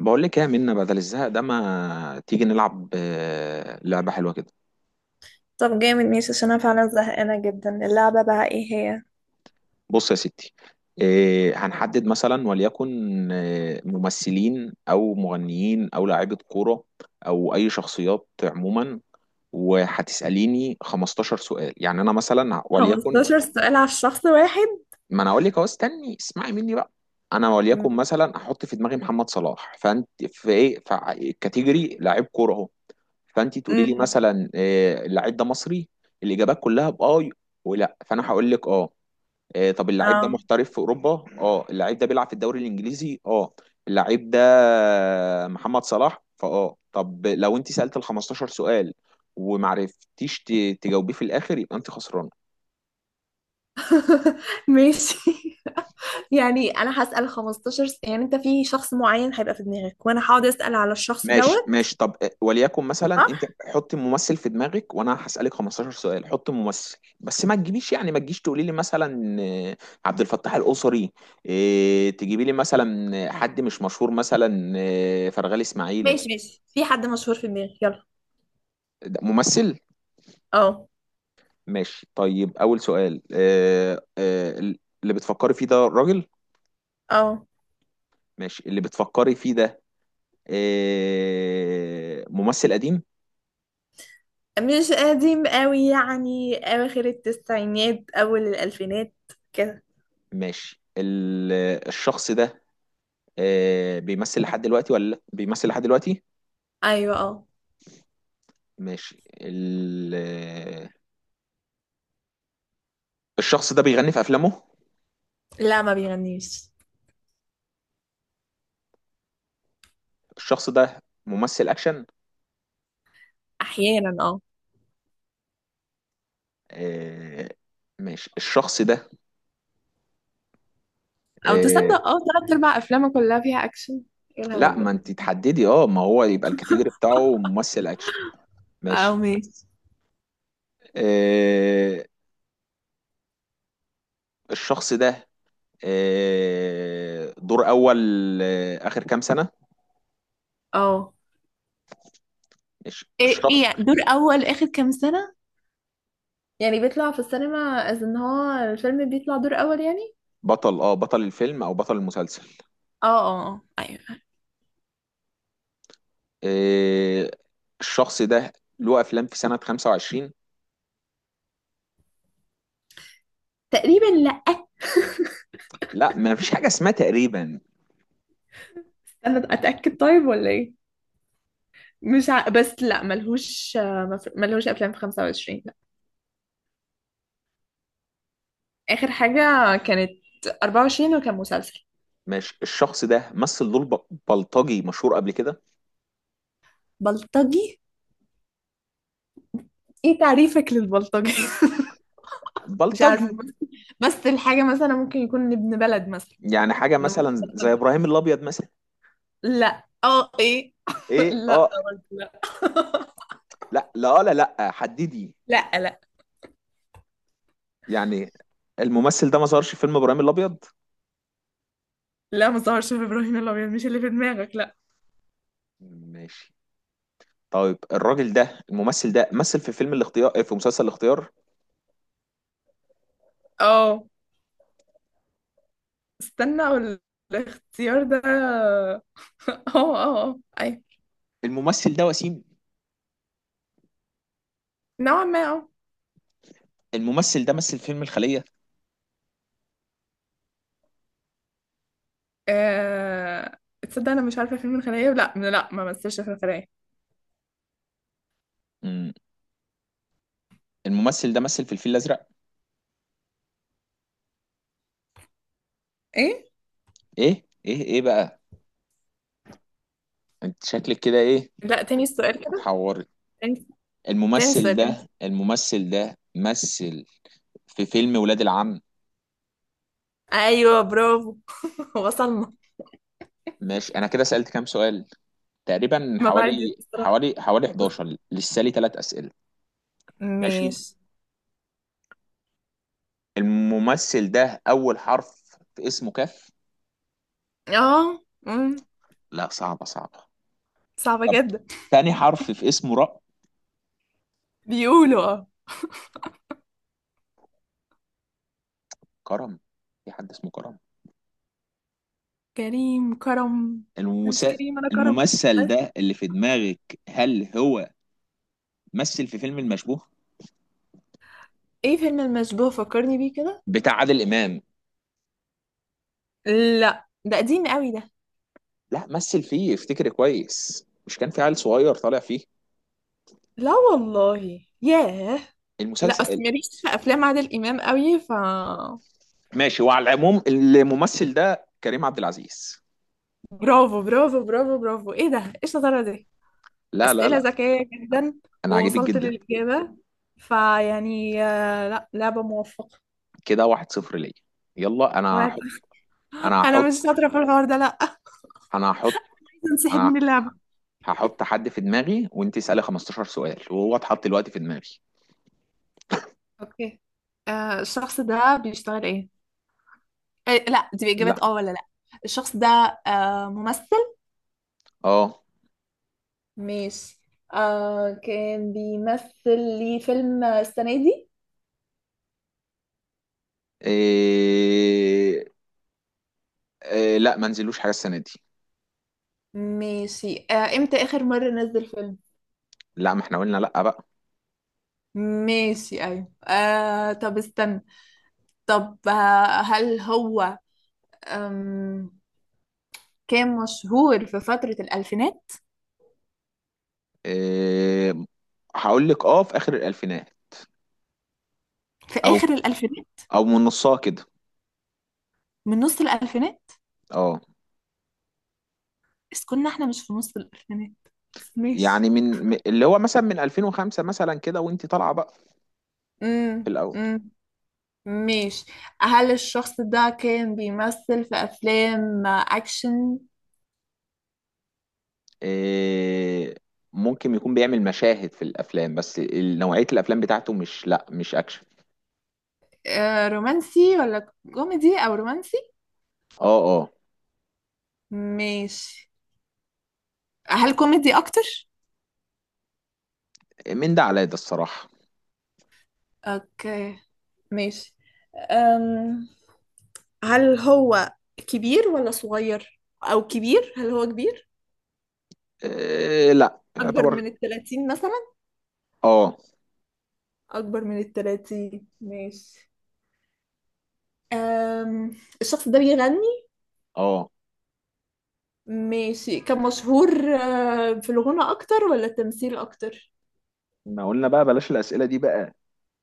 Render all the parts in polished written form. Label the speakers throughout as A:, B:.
A: بقول لك ايه يا منى، بدل الزهق ده ما تيجي نلعب، لعبة حلوة كده.
B: طب جامد، ماشي. عشان انا فعلا زهقانة جدا. اللعبة بقى ايه هي؟
A: بص يا ستي. هنحدد مثلا وليكن ممثلين او مغنيين او لاعيبة كورة او اي شخصيات عموما. وهتسأليني 15 سؤال. يعني انا مثلا وليكن،
B: 15 سؤال على الشخص واحد؟
A: ما انا اقول لك اهو، استني اسمعي مني بقى. انا
B: مم.
A: وليكن مثلا احط في دماغي محمد صلاح، فانت في ايه، في كاتيجوري لاعب كورة اهو. فانت تقولي لي
B: امم
A: مثلا اللعيب ده مصري. الاجابات كلها باه ولا. فانا هقول لك اه. طب اللعيب ده
B: اه.
A: محترف في اوروبا. اه اللعيب ده بيلعب في الدوري الانجليزي. اه اللعيب ده محمد صلاح. فاه طب لو انت سالت ال 15 سؤال ومعرفتيش تجاوبيه في الاخر، يبقى انت خسران.
B: ماشي يعني انا هسأل 15 يعني انت في شخص معين هيبقى في دماغك وانا هقعد اسأل على الشخص
A: ماشي
B: دوت.
A: ماشي، طب وليكن مثلا
B: صح.
A: انت حطي ممثل في دماغك وانا هسألك 15 سؤال. حطي ممثل بس ما تجيبيش، يعني ما تجيش تقولي لي مثلا عبد الفتاح القصري. تجيبي لي مثلا حد مش مشهور، مثلا فرغلي اسماعيل.
B: ماشي ماشي. في حد مشهور في دماغك؟ يلا.
A: ده ممثل.
B: اه
A: ماشي طيب، اول سؤال: اللي بتفكري فيه ده راجل.
B: اه.
A: ماشي، اللي بتفكري فيه ده ممثل قديم.
B: مش قديم قوي، يعني اواخر التسعينات اول الالفينات كده.
A: ماشي، الشخص ده بيمثل لحد دلوقتي ولا لأ؟ بيمثل لحد دلوقتي.
B: ايوه اه.
A: ماشي، ال... آه، الشخص ده بيغني في افلامه.
B: لا، ما بيغنيش.
A: الشخص ده ممثل اكشن.
B: احيانا اه.
A: آه، ماشي، الشخص ده
B: او
A: آه،
B: تصدق اه، تلات ارباع افلامه كلها فيها اكشن. ايه
A: لا
B: الهبل
A: ما
B: ده؟
A: انت تحددي، اه ما هو يبقى الكاتيجوري بتاعه ممثل اكشن.
B: او
A: ماشي.
B: ماشي.
A: آه، الشخص ده دور اول اخر كام سنة.
B: اه،
A: ماشي،
B: ايه
A: الشخص
B: ايه يعني دور اول اخر كام سنة؟ يعني بيطلع في السينما، از ان هو الفيلم بيطلع دور اول يعني.
A: بطل، اه بطل الفيلم او بطل المسلسل.
B: اه اه، ايوه.
A: إيه، الشخص ده له افلام في سنة 25.
B: تقريبا لا.
A: لا ما فيش حاجة اسمها تقريبا.
B: انا اتاكد طيب ولا ايه؟ مش ع... بس لا، ملهوش افلام في 25، لا. اخر حاجه كانت 24 وكان مسلسل.
A: مش الشخص ده مثل دور بلطجي مشهور قبل كده.
B: بلطجي؟ ايه تعريفك للبلطجي؟ مش عارفه،
A: بلطجي
B: بس. بس الحاجه مثلا ممكن يكون ابن بلد مثلا.
A: يعني حاجة
B: نمر-
A: مثلا زي ابراهيم الابيض مثلا.
B: لا، اه، ايه
A: ايه
B: لا
A: اه.
B: برضه لا
A: لا لا لا لا حددي.
B: لا لا
A: يعني الممثل ده ما ظهرش في فيلم ابراهيم الابيض.
B: لا، ما ظهرش في ابراهيم الابيض، مش اللي في دماغك، لا.
A: ماشي طيب، الراجل ده، الممثل ده مثل في فيلم الاختيار، في مسلسل الاختيار.
B: اه، استنى اقول. الاختيار ده اه. اه اه اي.
A: الممثل ده وسيم.
B: نوعا ما اه.
A: الممثل ده مثل فيلم الخلية.
B: تصدق انا مش عارفه فيلم الخلية، لا لا، ما مثلش في الخلية.
A: مم. الممثل ده مثل في الفيل الازرق.
B: ايه؟
A: ايه ايه ايه بقى، انت شكلك كده ايه،
B: لا، تاني السؤال كده.
A: هتحوري.
B: تاني. تاني
A: الممثل
B: السؤال. تاني
A: ده
B: السؤال.
A: الممثل ده مثل في فيلم ولاد العم.
B: ايوه برافو. وصلنا.
A: ماشي، انا كده سألت كام سؤال؟ تقريبا
B: ما بعرف
A: حوالي
B: الصراحه.
A: حوالي حوالي 11. لسه لي ثلاث أسئلة. ماشي،
B: ماشي.
A: الممثل ده اول حرف في اسمه كاف.
B: اه،
A: لا صعبة صعبة.
B: صعبة
A: طب،
B: جدا.
A: تاني حرف في اسمه راء.
B: بيقولوا اه.
A: كرم، في حد اسمه كرم؟
B: كريم، كرم. ده مش
A: المسا...
B: كريم، انا كرم.
A: الممثل
B: أه؟
A: ده اللي في دماغك، هل هو مثل في فيلم المشبوه
B: ايه؟ فيلم المشبوه فكرني بيه كده.
A: بتاع عادل إمام؟
B: لا، ده قديم قوي ده.
A: لا مثل فيه، افتكر كويس، مش كان في عيل صغير طالع فيه،
B: لا والله، ياه. لا، اصل
A: المسلسل.
B: ماليش في افلام عادل امام قوي.
A: ماشي، وعلى العموم الممثل ده كريم عبد العزيز.
B: برافو برافو برافو برافو. ايه ده؟ ايه الشطاره دي؟
A: لا لا
B: اسئله
A: لا،
B: ذكيه جدا.
A: انا عاجبك
B: ووصلت
A: جدا.
B: للاجابه. فيعني لا، لعبه موفقه.
A: كده واحد صفر ليا. يلا انا
B: وعد.
A: هحط، انا
B: انا مش
A: هحط
B: شاطره في الحوار ده، لا.
A: انا هحط
B: عايزه انسحب
A: انا
B: من اللعبه.
A: هحط حد في دماغي وانت اسالي 15 سؤال. وهو اتحط دلوقتي في دماغي.
B: اوكي. الشخص ده بيشتغل ايه؟ لا، دي إجابات
A: لا
B: اه ولا لا؟ الشخص ده ممثل؟
A: اه.
B: ماشي. كان بيمثل لي فيلم السنة دي؟
A: إيه... لا ما نزلوش حاجه السنه دي.
B: ماشي. امتى آخر مرة نزل فيلم؟
A: لا ما احنا قلنا لا بقى.
B: ماشي أيوة. طب استنى. طب هل هو آم كان مشهور في فترة الألفينات؟
A: إيه... هقول لك اه في اخر الالفينات،
B: في
A: او
B: آخر الألفينات؟
A: من نصها كده.
B: من نص الألفينات؟
A: اه.
B: بس كنا احنا مش في نص الألفينات، بس ماشي.
A: يعني اللي هو مثلا من 2005 مثلا كده وانت طالعه بقى، في الاول.
B: امم ماشي. هل الشخص ده كان بيمثل في أفلام أكشن؟
A: إيه، ممكن يكون بيعمل مشاهد في الافلام، بس نوعيه الافلام بتاعته مش، لا مش اكشن.
B: رومانسي ولا كوميدي أو رومانسي؟
A: اه اه،
B: ماشي. هل كوميدي أكتر؟
A: من ده على ده الصراحه.
B: أوكي. ماشي. أم... هل هو كبير ولا صغير؟ أو كبير؟ هل هو كبير؟
A: إيه لا
B: أكبر
A: يعتبر.
B: من التلاتين مثلا؟
A: اه
B: أكبر من التلاتين. ماشي. أم... الشخص ده بيغني؟
A: اه،
B: ماشي، كان مشهور. في الغنى أكتر ولا التمثيل أكتر؟
A: ما قلنا بقى بلاش الاسئله دي بقى.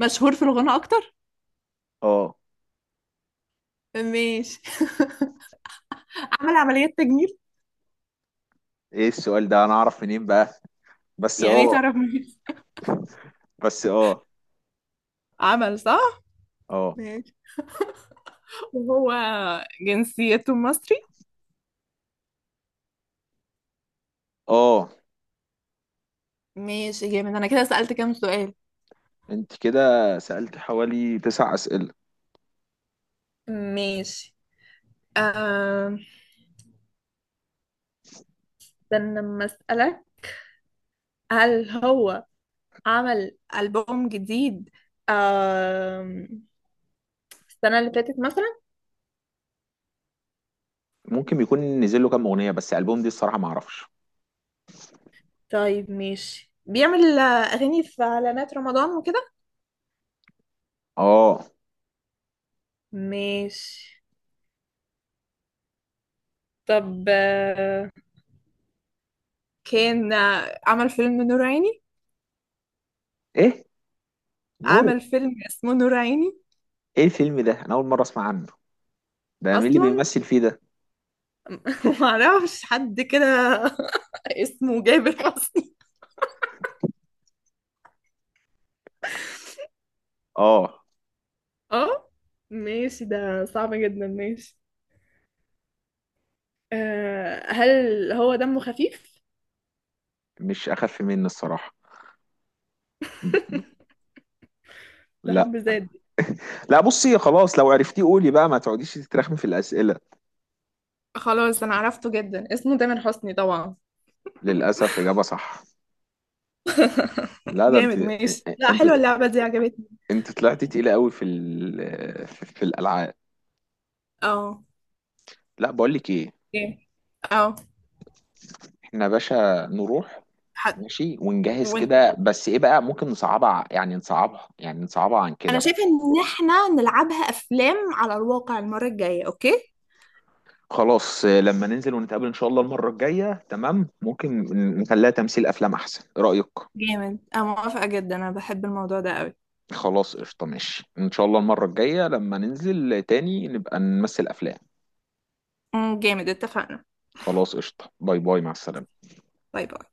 B: مشهور في الغنى اكتر.
A: اه.
B: ماشي. عمل عمليات تجميل؟
A: ايه السؤال ده، انا اعرف منين بقى؟ بس
B: يعني ايه
A: اه،
B: تعرف مين؟
A: بس اه
B: عمل، صح.
A: اه
B: ماشي. وهو جنسيته مصري؟
A: اه
B: ماشي جامد. انا كده سألت كام سؤال؟
A: انت كده سألت حوالي تسع اسئله.
B: ماشي. آه، استنى لما اسألك. هل هو عمل ألبوم جديد آم، السنة اللي فاتت مثلا؟
A: ممكن يكون نزل له كام اغنيه، بس البوم دي الصراحه ما اعرفش.
B: طيب ماشي. بيعمل أغاني في إعلانات رمضان وكده؟
A: اه.
B: ماشي. طب كان عمل فيلم نور عيني؟
A: ايه نور؟
B: عمل فيلم اسمه نور عيني.
A: ايه الفيلم ده، انا اول مره اسمع عنه. ده مين اللي
B: اصلا
A: بيمثل فيه ده؟
B: معرفش حد كده اسمه جابر حسني
A: اه،
B: اه. ماشي، ده صعب جدا. ماشي. هل هو دمه خفيف؟
A: مش اخف مني الصراحه.
B: ده
A: لا.
B: حب زاد.
A: لا بصي، خلاص لو عرفتيه قولي بقى، ما تقعديش تترخمي في الاسئله.
B: خلاص انا عرفته جدا، اسمه تامر حسني طبعا.
A: للاسف اجابه صح. لا ده انت،
B: جامد ماشي. لا،
A: انت
B: حلوه اللعبه دي، عجبتني.
A: انت طلعتي تقيله قوي في ال... في في الالعاب.
B: اه.
A: لا بقول لك ايه،
B: جامد. اه.
A: احنا يا باشا نروح.
B: حد.
A: ماشي ونجهز
B: وين؟
A: كده، بس ايه بقى، ممكن نصعبها يعني نصعبها، يعني نصعبها عن
B: انا
A: كده.
B: شايفه ان احنا نلعبها افلام على الواقع المره الجايه، اوكي؟
A: خلاص لما ننزل ونتقابل ان شاء الله المرة الجاية، تمام ممكن نخليها تمثيل افلام، احسن. ايه رأيك؟
B: جامد، انا موافقة جدا، انا بحب الموضوع ده قوي.
A: خلاص قشطة ماشي، ان شاء الله المرة الجاية لما ننزل تاني نبقى نمثل افلام.
B: جامد، اتفقنا.
A: خلاص قشطة، باي باي، مع السلامة.
B: باي باي.